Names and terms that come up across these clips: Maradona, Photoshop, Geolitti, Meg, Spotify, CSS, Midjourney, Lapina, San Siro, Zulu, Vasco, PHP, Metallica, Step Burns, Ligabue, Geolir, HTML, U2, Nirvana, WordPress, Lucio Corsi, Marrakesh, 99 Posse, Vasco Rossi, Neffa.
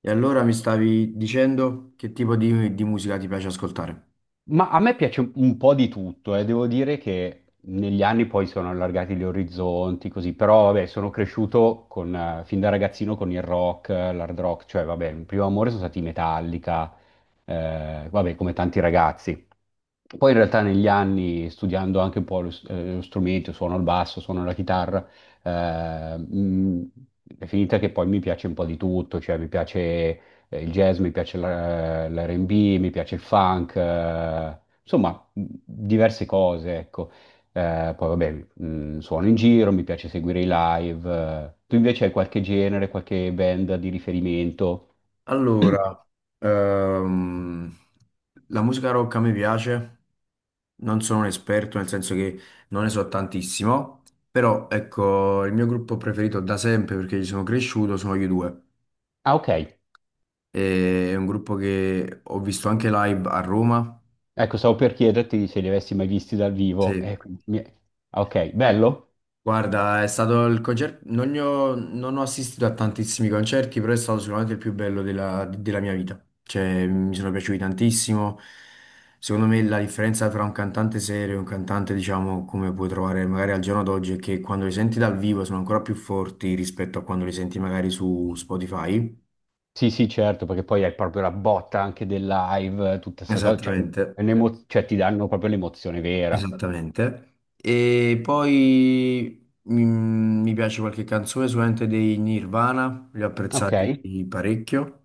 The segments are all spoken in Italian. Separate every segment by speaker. Speaker 1: E allora mi stavi dicendo che tipo di musica ti piace ascoltare?
Speaker 2: Ma a me piace un po' di tutto, eh. Devo dire che negli anni poi sono allargati gli orizzonti, così, però vabbè, sono cresciuto con, fin da ragazzino con il rock, l'hard rock, cioè vabbè, il primo amore sono stati i Metallica, vabbè, come tanti ragazzi, poi in realtà negli anni, studiando anche un po' lo strumento, suono il basso, suono la chitarra. eh, mh, è finita che poi mi piace un po' di tutto, cioè mi piace il jazz, mi piace l'R&B, mi piace il funk, insomma diverse cose, ecco. Poi vabbè, suono in giro, mi piace seguire i live. Tu invece hai qualche genere, qualche band di riferimento?
Speaker 1: Allora, ehm, la musica rock a me piace, non sono un esperto, nel senso che non ne so tantissimo, però ecco, il mio gruppo preferito da sempre, perché ci sono cresciuto, sono gli U2.
Speaker 2: Ah, ok.
Speaker 1: È un gruppo che ho visto anche live a Roma,
Speaker 2: Ecco, stavo per chiederti se li avessi mai visti dal vivo.
Speaker 1: sì.
Speaker 2: Ah, ok, bello?
Speaker 1: Guarda, è stato il concerto, non, ne ho non ho assistito a tantissimi concerti, però è stato sicuramente il più bello della mia vita. Cioè, mi sono piaciuti tantissimo. Secondo me la differenza tra un cantante serio e un cantante, diciamo, come puoi trovare magari al giorno d'oggi, è che quando li senti dal vivo sono ancora più forti rispetto a quando li senti magari su Spotify.
Speaker 2: Sì, sì, certo, perché poi hai proprio la botta anche del live, tutte queste cose, cioè,
Speaker 1: Esattamente.
Speaker 2: cioè, ti danno proprio l'emozione vera.
Speaker 1: Esattamente. E poi mi piace qualche canzone, sicuramente dei Nirvana, li ho
Speaker 2: Ok?
Speaker 1: apprezzati parecchio.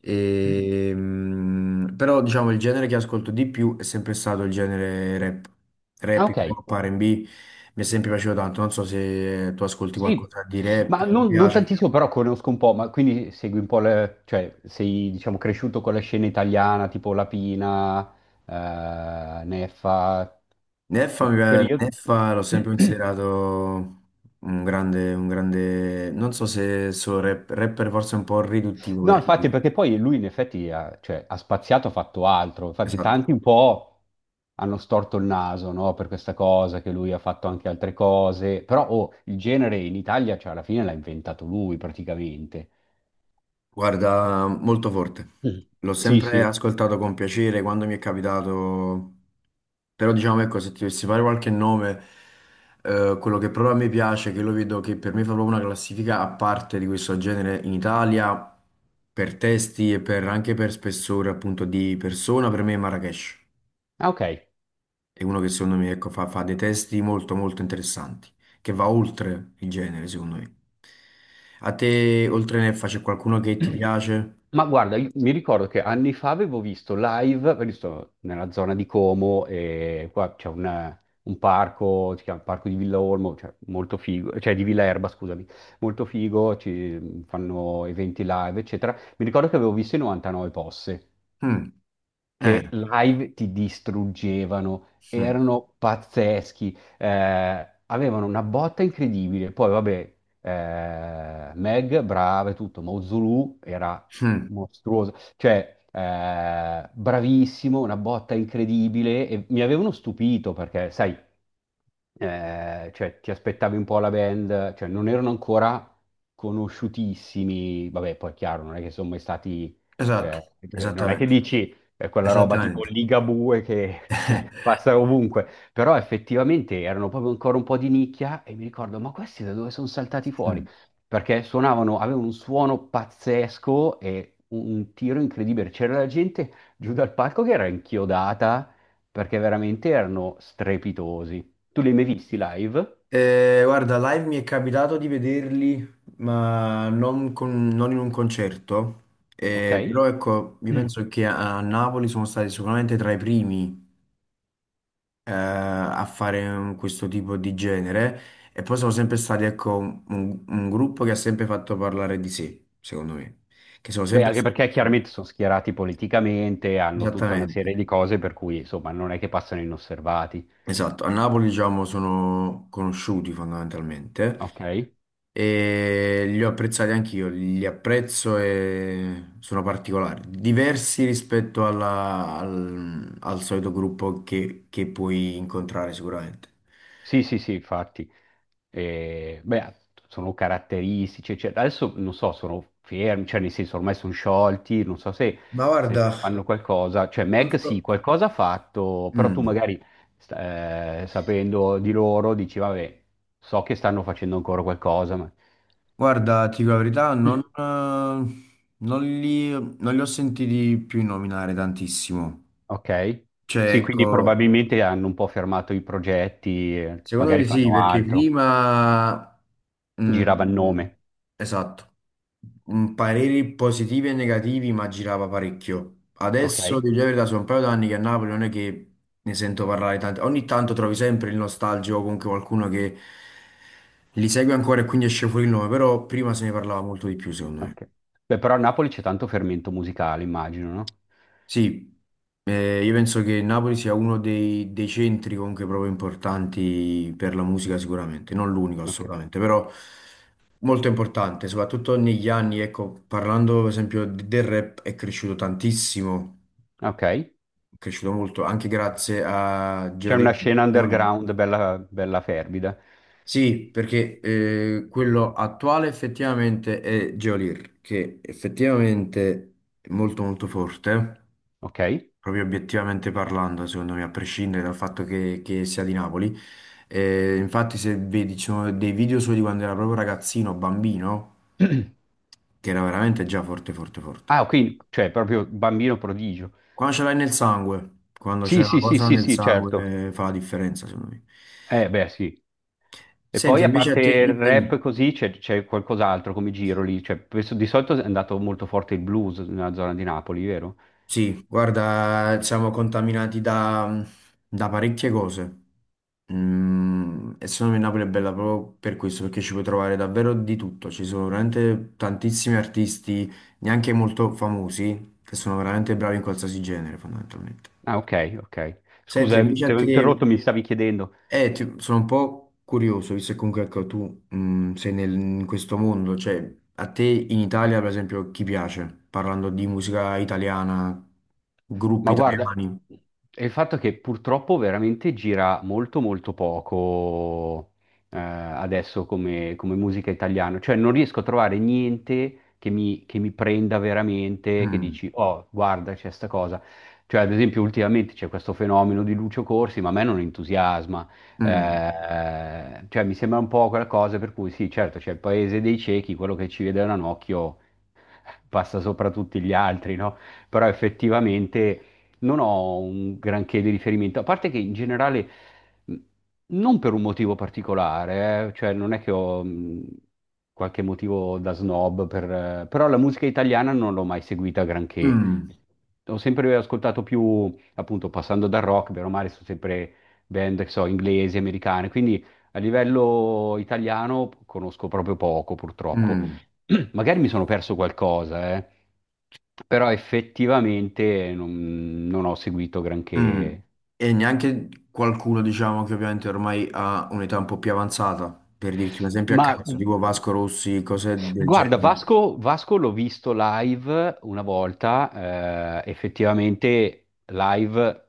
Speaker 1: E, però diciamo il genere che ascolto di più è sempre stato il genere rap,
Speaker 2: Ah,
Speaker 1: rap,
Speaker 2: ok.
Speaker 1: hip hop, R&B, mi è sempre piaciuto tanto. Non so se tu ascolti
Speaker 2: Sì,
Speaker 1: qualcosa di
Speaker 2: ma
Speaker 1: rap, ti
Speaker 2: non
Speaker 1: piace.
Speaker 2: tantissimo, però conosco un po', ma quindi segui un po' cioè sei, diciamo, cresciuto con la scena italiana, tipo Lapina, Neffa, in quel
Speaker 1: Neffa,
Speaker 2: periodo?
Speaker 1: Neffa l'ho sempre considerato un grande, non so se solo rapper, forse un po' riduttivo
Speaker 2: No,
Speaker 1: per
Speaker 2: infatti,
Speaker 1: lui.
Speaker 2: perché poi lui in effetti ha, cioè, ha spaziato, ha fatto altro. Infatti,
Speaker 1: Esatto,
Speaker 2: tanti un po' hanno storto il naso, no, per questa cosa, che lui ha fatto anche altre cose. Però, oh, il genere in Italia, cioè, alla fine l'ha inventato lui praticamente.
Speaker 1: guarda, molto forte.
Speaker 2: Mm.
Speaker 1: L'ho
Speaker 2: Sì,
Speaker 1: sempre
Speaker 2: sì.
Speaker 1: ascoltato con piacere quando mi è capitato, però diciamo ecco, se ti dovessi fare qualche nome, quello che proprio a me piace, che lo vedo che per me fa proprio una classifica a parte di questo genere in Italia, per testi anche per spessore appunto di persona, per me è Marrakesh.
Speaker 2: Ah, ok.
Speaker 1: È uno che secondo me ecco, fa dei testi molto molto interessanti, che va oltre il genere, secondo me. A te, oltre Neffa, c'è qualcuno che ti piace?
Speaker 2: Ma guarda, mi ricordo che anni fa avevo visto live, perché sto nella zona di Como e qua c'è un parco, si chiama Parco di Villa Olmo, cioè molto figo, cioè di Villa Erba, scusami, molto figo, ci fanno eventi live, eccetera. Mi ricordo che avevo visto i 99 Posse
Speaker 1: Mm, eh,
Speaker 2: che live ti distruggevano,
Speaker 1: mm,
Speaker 2: erano pazzeschi, avevano una botta incredibile. Poi, vabbè, Meg, brava e tutto, ma Zulu era
Speaker 1: mm,
Speaker 2: mostruoso, cioè bravissimo, una botta incredibile e mi avevano stupito perché, sai, cioè ti aspettavi un po' la band, cioè non erano ancora conosciutissimi, vabbè, poi è chiaro, non è che sono mai stati,
Speaker 1: esatto,
Speaker 2: cioè non è che
Speaker 1: esattamente,
Speaker 2: dici è quella roba tipo
Speaker 1: esattamente.
Speaker 2: Ligabue che cioè, passa ovunque, però effettivamente erano proprio ancora un po' di nicchia e mi ricordo, ma questi da dove sono saltati fuori?
Speaker 1: Mm.
Speaker 2: Perché suonavano, avevano un suono pazzesco e un tiro incredibile, c'era la gente giù dal palco che era inchiodata perché veramente erano strepitosi. Tu li hai mai visti live? Sì.
Speaker 1: Guarda, live mi è capitato di vederli, ma non in un concerto.
Speaker 2: Ok.
Speaker 1: Però ecco, io
Speaker 2: Mm.
Speaker 1: penso che a Napoli sono stati sicuramente tra i primi a fare questo tipo di genere e poi sono sempre stati, ecco, un gruppo che ha sempre fatto parlare di sé, secondo me, che sono
Speaker 2: Beh,
Speaker 1: sempre
Speaker 2: anche
Speaker 1: stati,
Speaker 2: perché
Speaker 1: ecco,
Speaker 2: chiaramente sono schierati politicamente, hanno tutta una
Speaker 1: esattamente,
Speaker 2: serie di cose per cui insomma non è che passano inosservati.
Speaker 1: esatto, a Napoli, diciamo, sono conosciuti fondamentalmente
Speaker 2: Ok?
Speaker 1: e li ho apprezzati anch'io, li apprezzo e sono particolari, diversi rispetto al solito gruppo che puoi incontrare sicuramente.
Speaker 2: Sì, sì, sì, infatti. E, beh, sono caratteristici, eccetera. Adesso non so, sono fermi, cioè nel senso ormai sono sciolti, non so se,
Speaker 1: Ma
Speaker 2: se
Speaker 1: guarda,
Speaker 2: fanno qualcosa. Cioè
Speaker 1: non
Speaker 2: Meg sì,
Speaker 1: so...
Speaker 2: qualcosa ha fatto, però tu
Speaker 1: Mm.
Speaker 2: magari sapendo di loro dici, vabbè, so che stanno facendo ancora qualcosa, ma...
Speaker 1: Guarda, ti dico la verità, non li ho sentiti più nominare tantissimo.
Speaker 2: Ok.
Speaker 1: Cioè,
Speaker 2: Sì, quindi
Speaker 1: ecco,
Speaker 2: probabilmente hanno un po' fermato i progetti,
Speaker 1: secondo
Speaker 2: magari
Speaker 1: me sì,
Speaker 2: fanno
Speaker 1: perché
Speaker 2: altro.
Speaker 1: prima... mm,
Speaker 2: Girava il nome.
Speaker 1: esatto. Mm, pareri positivi e negativi, ma girava parecchio.
Speaker 2: Ok.
Speaker 1: Adesso, di verità, sono un paio d'anni che a Napoli non è che ne sento parlare tanto. Ogni tanto trovi sempre il nostalgico, o comunque qualcuno che li segue ancora e quindi esce fuori il nome, però prima se ne parlava molto di più, secondo me.
Speaker 2: Ok. Beh, però a Napoli c'è tanto fermento musicale, immagino, no?
Speaker 1: Sì, io penso che Napoli sia uno dei centri comunque proprio importanti per la musica sicuramente, non l'unico
Speaker 2: Ok.
Speaker 1: assolutamente, però molto importante, soprattutto negli anni, ecco, parlando per esempio del rap è cresciuto tantissimo,
Speaker 2: Ok.
Speaker 1: è cresciuto molto, anche grazie a
Speaker 2: C'è una
Speaker 1: Geolitti,
Speaker 2: scena
Speaker 1: effettivamente.
Speaker 2: underground bella, bella fervida.
Speaker 1: Sì, perché quello attuale effettivamente è Geolir, che effettivamente è molto molto forte.
Speaker 2: Ok.
Speaker 1: Proprio obiettivamente parlando, secondo me, a prescindere dal fatto che sia di Napoli. Infatti, se vedi, ci sono dei video suoi di quando era proprio ragazzino, bambino, che era veramente già forte, forte, forte.
Speaker 2: Ah, quindi, cioè, proprio bambino prodigio.
Speaker 1: Quando ce l'hai nel sangue, quando c'è
Speaker 2: Sì,
Speaker 1: una
Speaker 2: sì, sì,
Speaker 1: cosa
Speaker 2: sì,
Speaker 1: nel
Speaker 2: sì, certo.
Speaker 1: sangue, fa la differenza, secondo me.
Speaker 2: Beh, sì. E
Speaker 1: Senti,
Speaker 2: poi a
Speaker 1: invece a
Speaker 2: parte
Speaker 1: te,
Speaker 2: il
Speaker 1: dimmi.
Speaker 2: rap
Speaker 1: Dimmi.
Speaker 2: così c'è qualcos'altro come giro lì. Cioè, di solito è andato molto forte il blues nella zona di Napoli, vero?
Speaker 1: Sì, guarda, siamo contaminati da parecchie cose. Mm, e secondo me Napoli è bella proprio per questo, perché ci puoi trovare davvero di tutto. Ci sono veramente tantissimi artisti, neanche molto famosi, che sono veramente bravi in qualsiasi genere, fondamentalmente.
Speaker 2: Ah, ok, ok.
Speaker 1: Senti,
Speaker 2: Scusa,
Speaker 1: invece
Speaker 2: ti
Speaker 1: a
Speaker 2: avevo
Speaker 1: te.
Speaker 2: interrotto, mi stavi chiedendo.
Speaker 1: Sono un po' curioso, visto che comunque ecco, tu sei in questo mondo, cioè a te in Italia per esempio chi piace? Parlando di musica italiana, gruppi
Speaker 2: Ma guarda,
Speaker 1: italiani.
Speaker 2: è il fatto che purtroppo veramente gira molto molto poco, adesso come, musica italiana, cioè non riesco a trovare niente che mi prenda veramente, che
Speaker 1: Mm,
Speaker 2: dici, oh, guarda, c'è sta cosa. Cioè, ad esempio, ultimamente c'è questo fenomeno di Lucio Corsi, ma a me non entusiasma.
Speaker 1: mm,
Speaker 2: Cioè, mi sembra un po' quella cosa per cui sì, certo, c'è il paese dei ciechi, quello che ci vede da un occhio passa sopra tutti gli altri, no? Però effettivamente non ho un granché di riferimento, a parte che in generale, mh, non per un motivo particolare, cioè non è che ho, qualche motivo da snob, però la musica italiana non l'ho mai seguita granché.
Speaker 1: mm,
Speaker 2: Ho sempre ascoltato più, appunto, passando dal rock, bene o male, sono sempre band, che so, inglesi, americane, quindi a livello italiano conosco proprio poco, purtroppo.
Speaker 1: mm,
Speaker 2: Magari mi sono perso qualcosa, però effettivamente non ho seguito
Speaker 1: mm.
Speaker 2: granché.
Speaker 1: E neanche qualcuno diciamo che ovviamente ormai ha un'età un po' più avanzata, per dirti un esempio a
Speaker 2: Ma
Speaker 1: caso, tipo Vasco Rossi, cose del
Speaker 2: guarda,
Speaker 1: genere,
Speaker 2: Vasco, Vasco l'ho visto live una volta, effettivamente live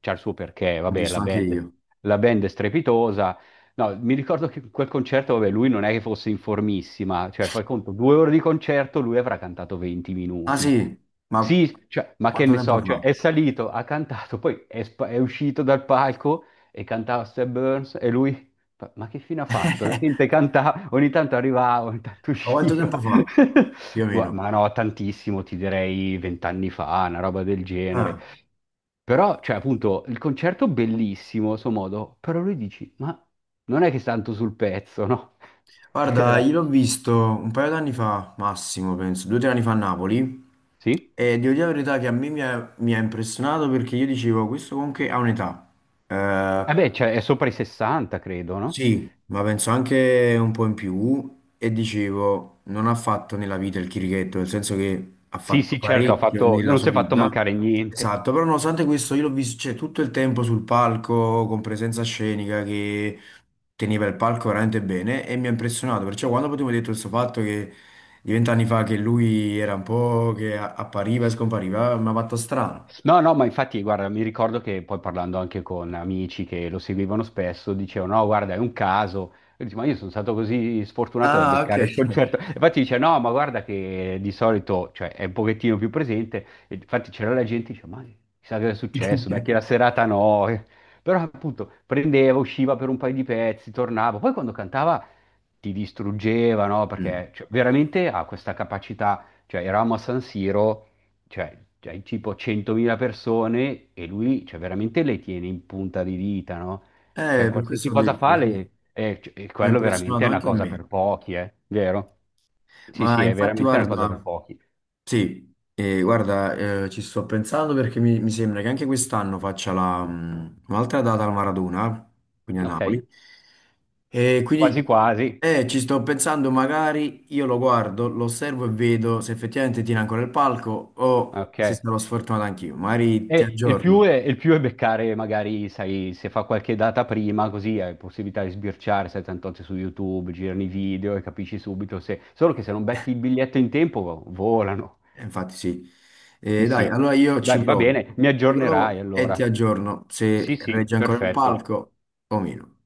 Speaker 2: c'ha il suo perché,
Speaker 1: l'ho
Speaker 2: vabbè,
Speaker 1: visto
Speaker 2: la
Speaker 1: anche
Speaker 2: band,
Speaker 1: io.
Speaker 2: la band è strepitosa. No, mi ricordo che quel concerto, vabbè, lui non è che fosse in formissima, cioè fai conto, 2 ore di concerto, lui avrà cantato 20
Speaker 1: Ah
Speaker 2: minuti.
Speaker 1: sì, ma
Speaker 2: Sì, cioè, ma che
Speaker 1: quanto
Speaker 2: ne
Speaker 1: tempo
Speaker 2: so, cioè,
Speaker 1: fa?
Speaker 2: è salito, ha cantato, poi è uscito dal palco e cantava Step Burns e lui. Ma che fine ha fatto? La gente cantava, ogni tanto arrivava, ogni tanto
Speaker 1: Ma quanto
Speaker 2: usciva.
Speaker 1: tempo fa? Più o meno.
Speaker 2: Ma no, tantissimo, ti direi vent'anni fa, una roba del genere.
Speaker 1: Ah,
Speaker 2: Però, cioè, appunto, il concerto bellissimo, a suo modo, però lui dici, ma non è che sta tanto sul pezzo, no?
Speaker 1: guarda,
Speaker 2: C'era-
Speaker 1: io l'ho visto un paio d'anni fa, massimo, penso, due o tre anni fa a Napoli.
Speaker 2: Sì?
Speaker 1: E devo dire la verità che a me mi ha impressionato perché io dicevo, questo comunque ha un'età. Eh,
Speaker 2: Eh beh, cioè, è sopra i 60, credo, no?
Speaker 1: Sì, ma penso anche un po' in più e dicevo, non ha fatto nella vita il chirichetto, nel senso che ha
Speaker 2: Sì,
Speaker 1: fatto
Speaker 2: sì, certo, ha
Speaker 1: parecchio
Speaker 2: fatto,
Speaker 1: nella
Speaker 2: non si
Speaker 1: sua
Speaker 2: è fatto
Speaker 1: vita.
Speaker 2: mancare niente.
Speaker 1: Esatto, però nonostante questo io l'ho visto, cioè, tutto il tempo sul palco, con presenza scenica, che teneva il palco veramente bene e mi ha impressionato, perciò quando poi tu mi hai detto questo fatto che di 20'anni fa che lui era un po' che appariva e scompariva, mi ha fatto strano.
Speaker 2: No, no, ma infatti, guarda, mi ricordo che poi parlando anche con amici che lo seguivano spesso, dicevano, no, guarda, è un caso. Io dicevo, ma io sono stato così sfortunato da
Speaker 1: Ah, ok.
Speaker 2: beccare il concerto. E infatti dice, no, ma guarda che di solito, cioè, è un pochettino più presente. E infatti c'era la gente che diceva, ma chissà che è successo, beh, che la serata no. Però appunto prendeva, usciva per un paio di pezzi, tornava. Poi quando cantava ti distruggeva, no?
Speaker 1: Mm.
Speaker 2: Perché cioè, veramente ha questa capacità, cioè eravamo a San Siro, cioè, hai tipo 100.000 persone e lui, cioè, veramente le tiene in punta di dita, no? Cioè,
Speaker 1: Per questo
Speaker 2: qualsiasi
Speaker 1: ho
Speaker 2: cosa
Speaker 1: detto,
Speaker 2: fa,
Speaker 1: sì,
Speaker 2: e
Speaker 1: mi ha
Speaker 2: quello veramente
Speaker 1: impressionato
Speaker 2: è una
Speaker 1: anche a
Speaker 2: cosa
Speaker 1: me.
Speaker 2: per pochi, eh? Vero? Sì,
Speaker 1: Ma
Speaker 2: sì, è
Speaker 1: infatti,
Speaker 2: veramente una cosa per
Speaker 1: guarda,
Speaker 2: pochi.
Speaker 1: ci sto pensando perché mi sembra che anche quest'anno faccia la, un'altra data al Maradona, quindi a
Speaker 2: Ok,
Speaker 1: Napoli. E
Speaker 2: quasi
Speaker 1: quindi
Speaker 2: quasi.
Speaker 1: ci sto pensando, magari io lo guardo, lo osservo e vedo se effettivamente tira ancora il palco o
Speaker 2: Ok.
Speaker 1: se sarò sfortunato anch'io. Magari ti
Speaker 2: E il più
Speaker 1: aggiorno.
Speaker 2: è, il più è beccare, magari, sai, se fa qualche data prima, così hai possibilità di sbirciare, sai, tanto c'è su YouTube, girano i video e capisci subito se... Solo che se non becchi il biglietto in tempo, volano.
Speaker 1: Infatti sì.
Speaker 2: Sì,
Speaker 1: Dai,
Speaker 2: sì.
Speaker 1: allora io ci
Speaker 2: Beh, va
Speaker 1: provo.
Speaker 2: bene, mi
Speaker 1: Ci
Speaker 2: aggiornerai
Speaker 1: provo e ti
Speaker 2: allora.
Speaker 1: aggiorno
Speaker 2: Sì,
Speaker 1: se
Speaker 2: sì,
Speaker 1: regge ancora il
Speaker 2: perfetto.
Speaker 1: palco o meno.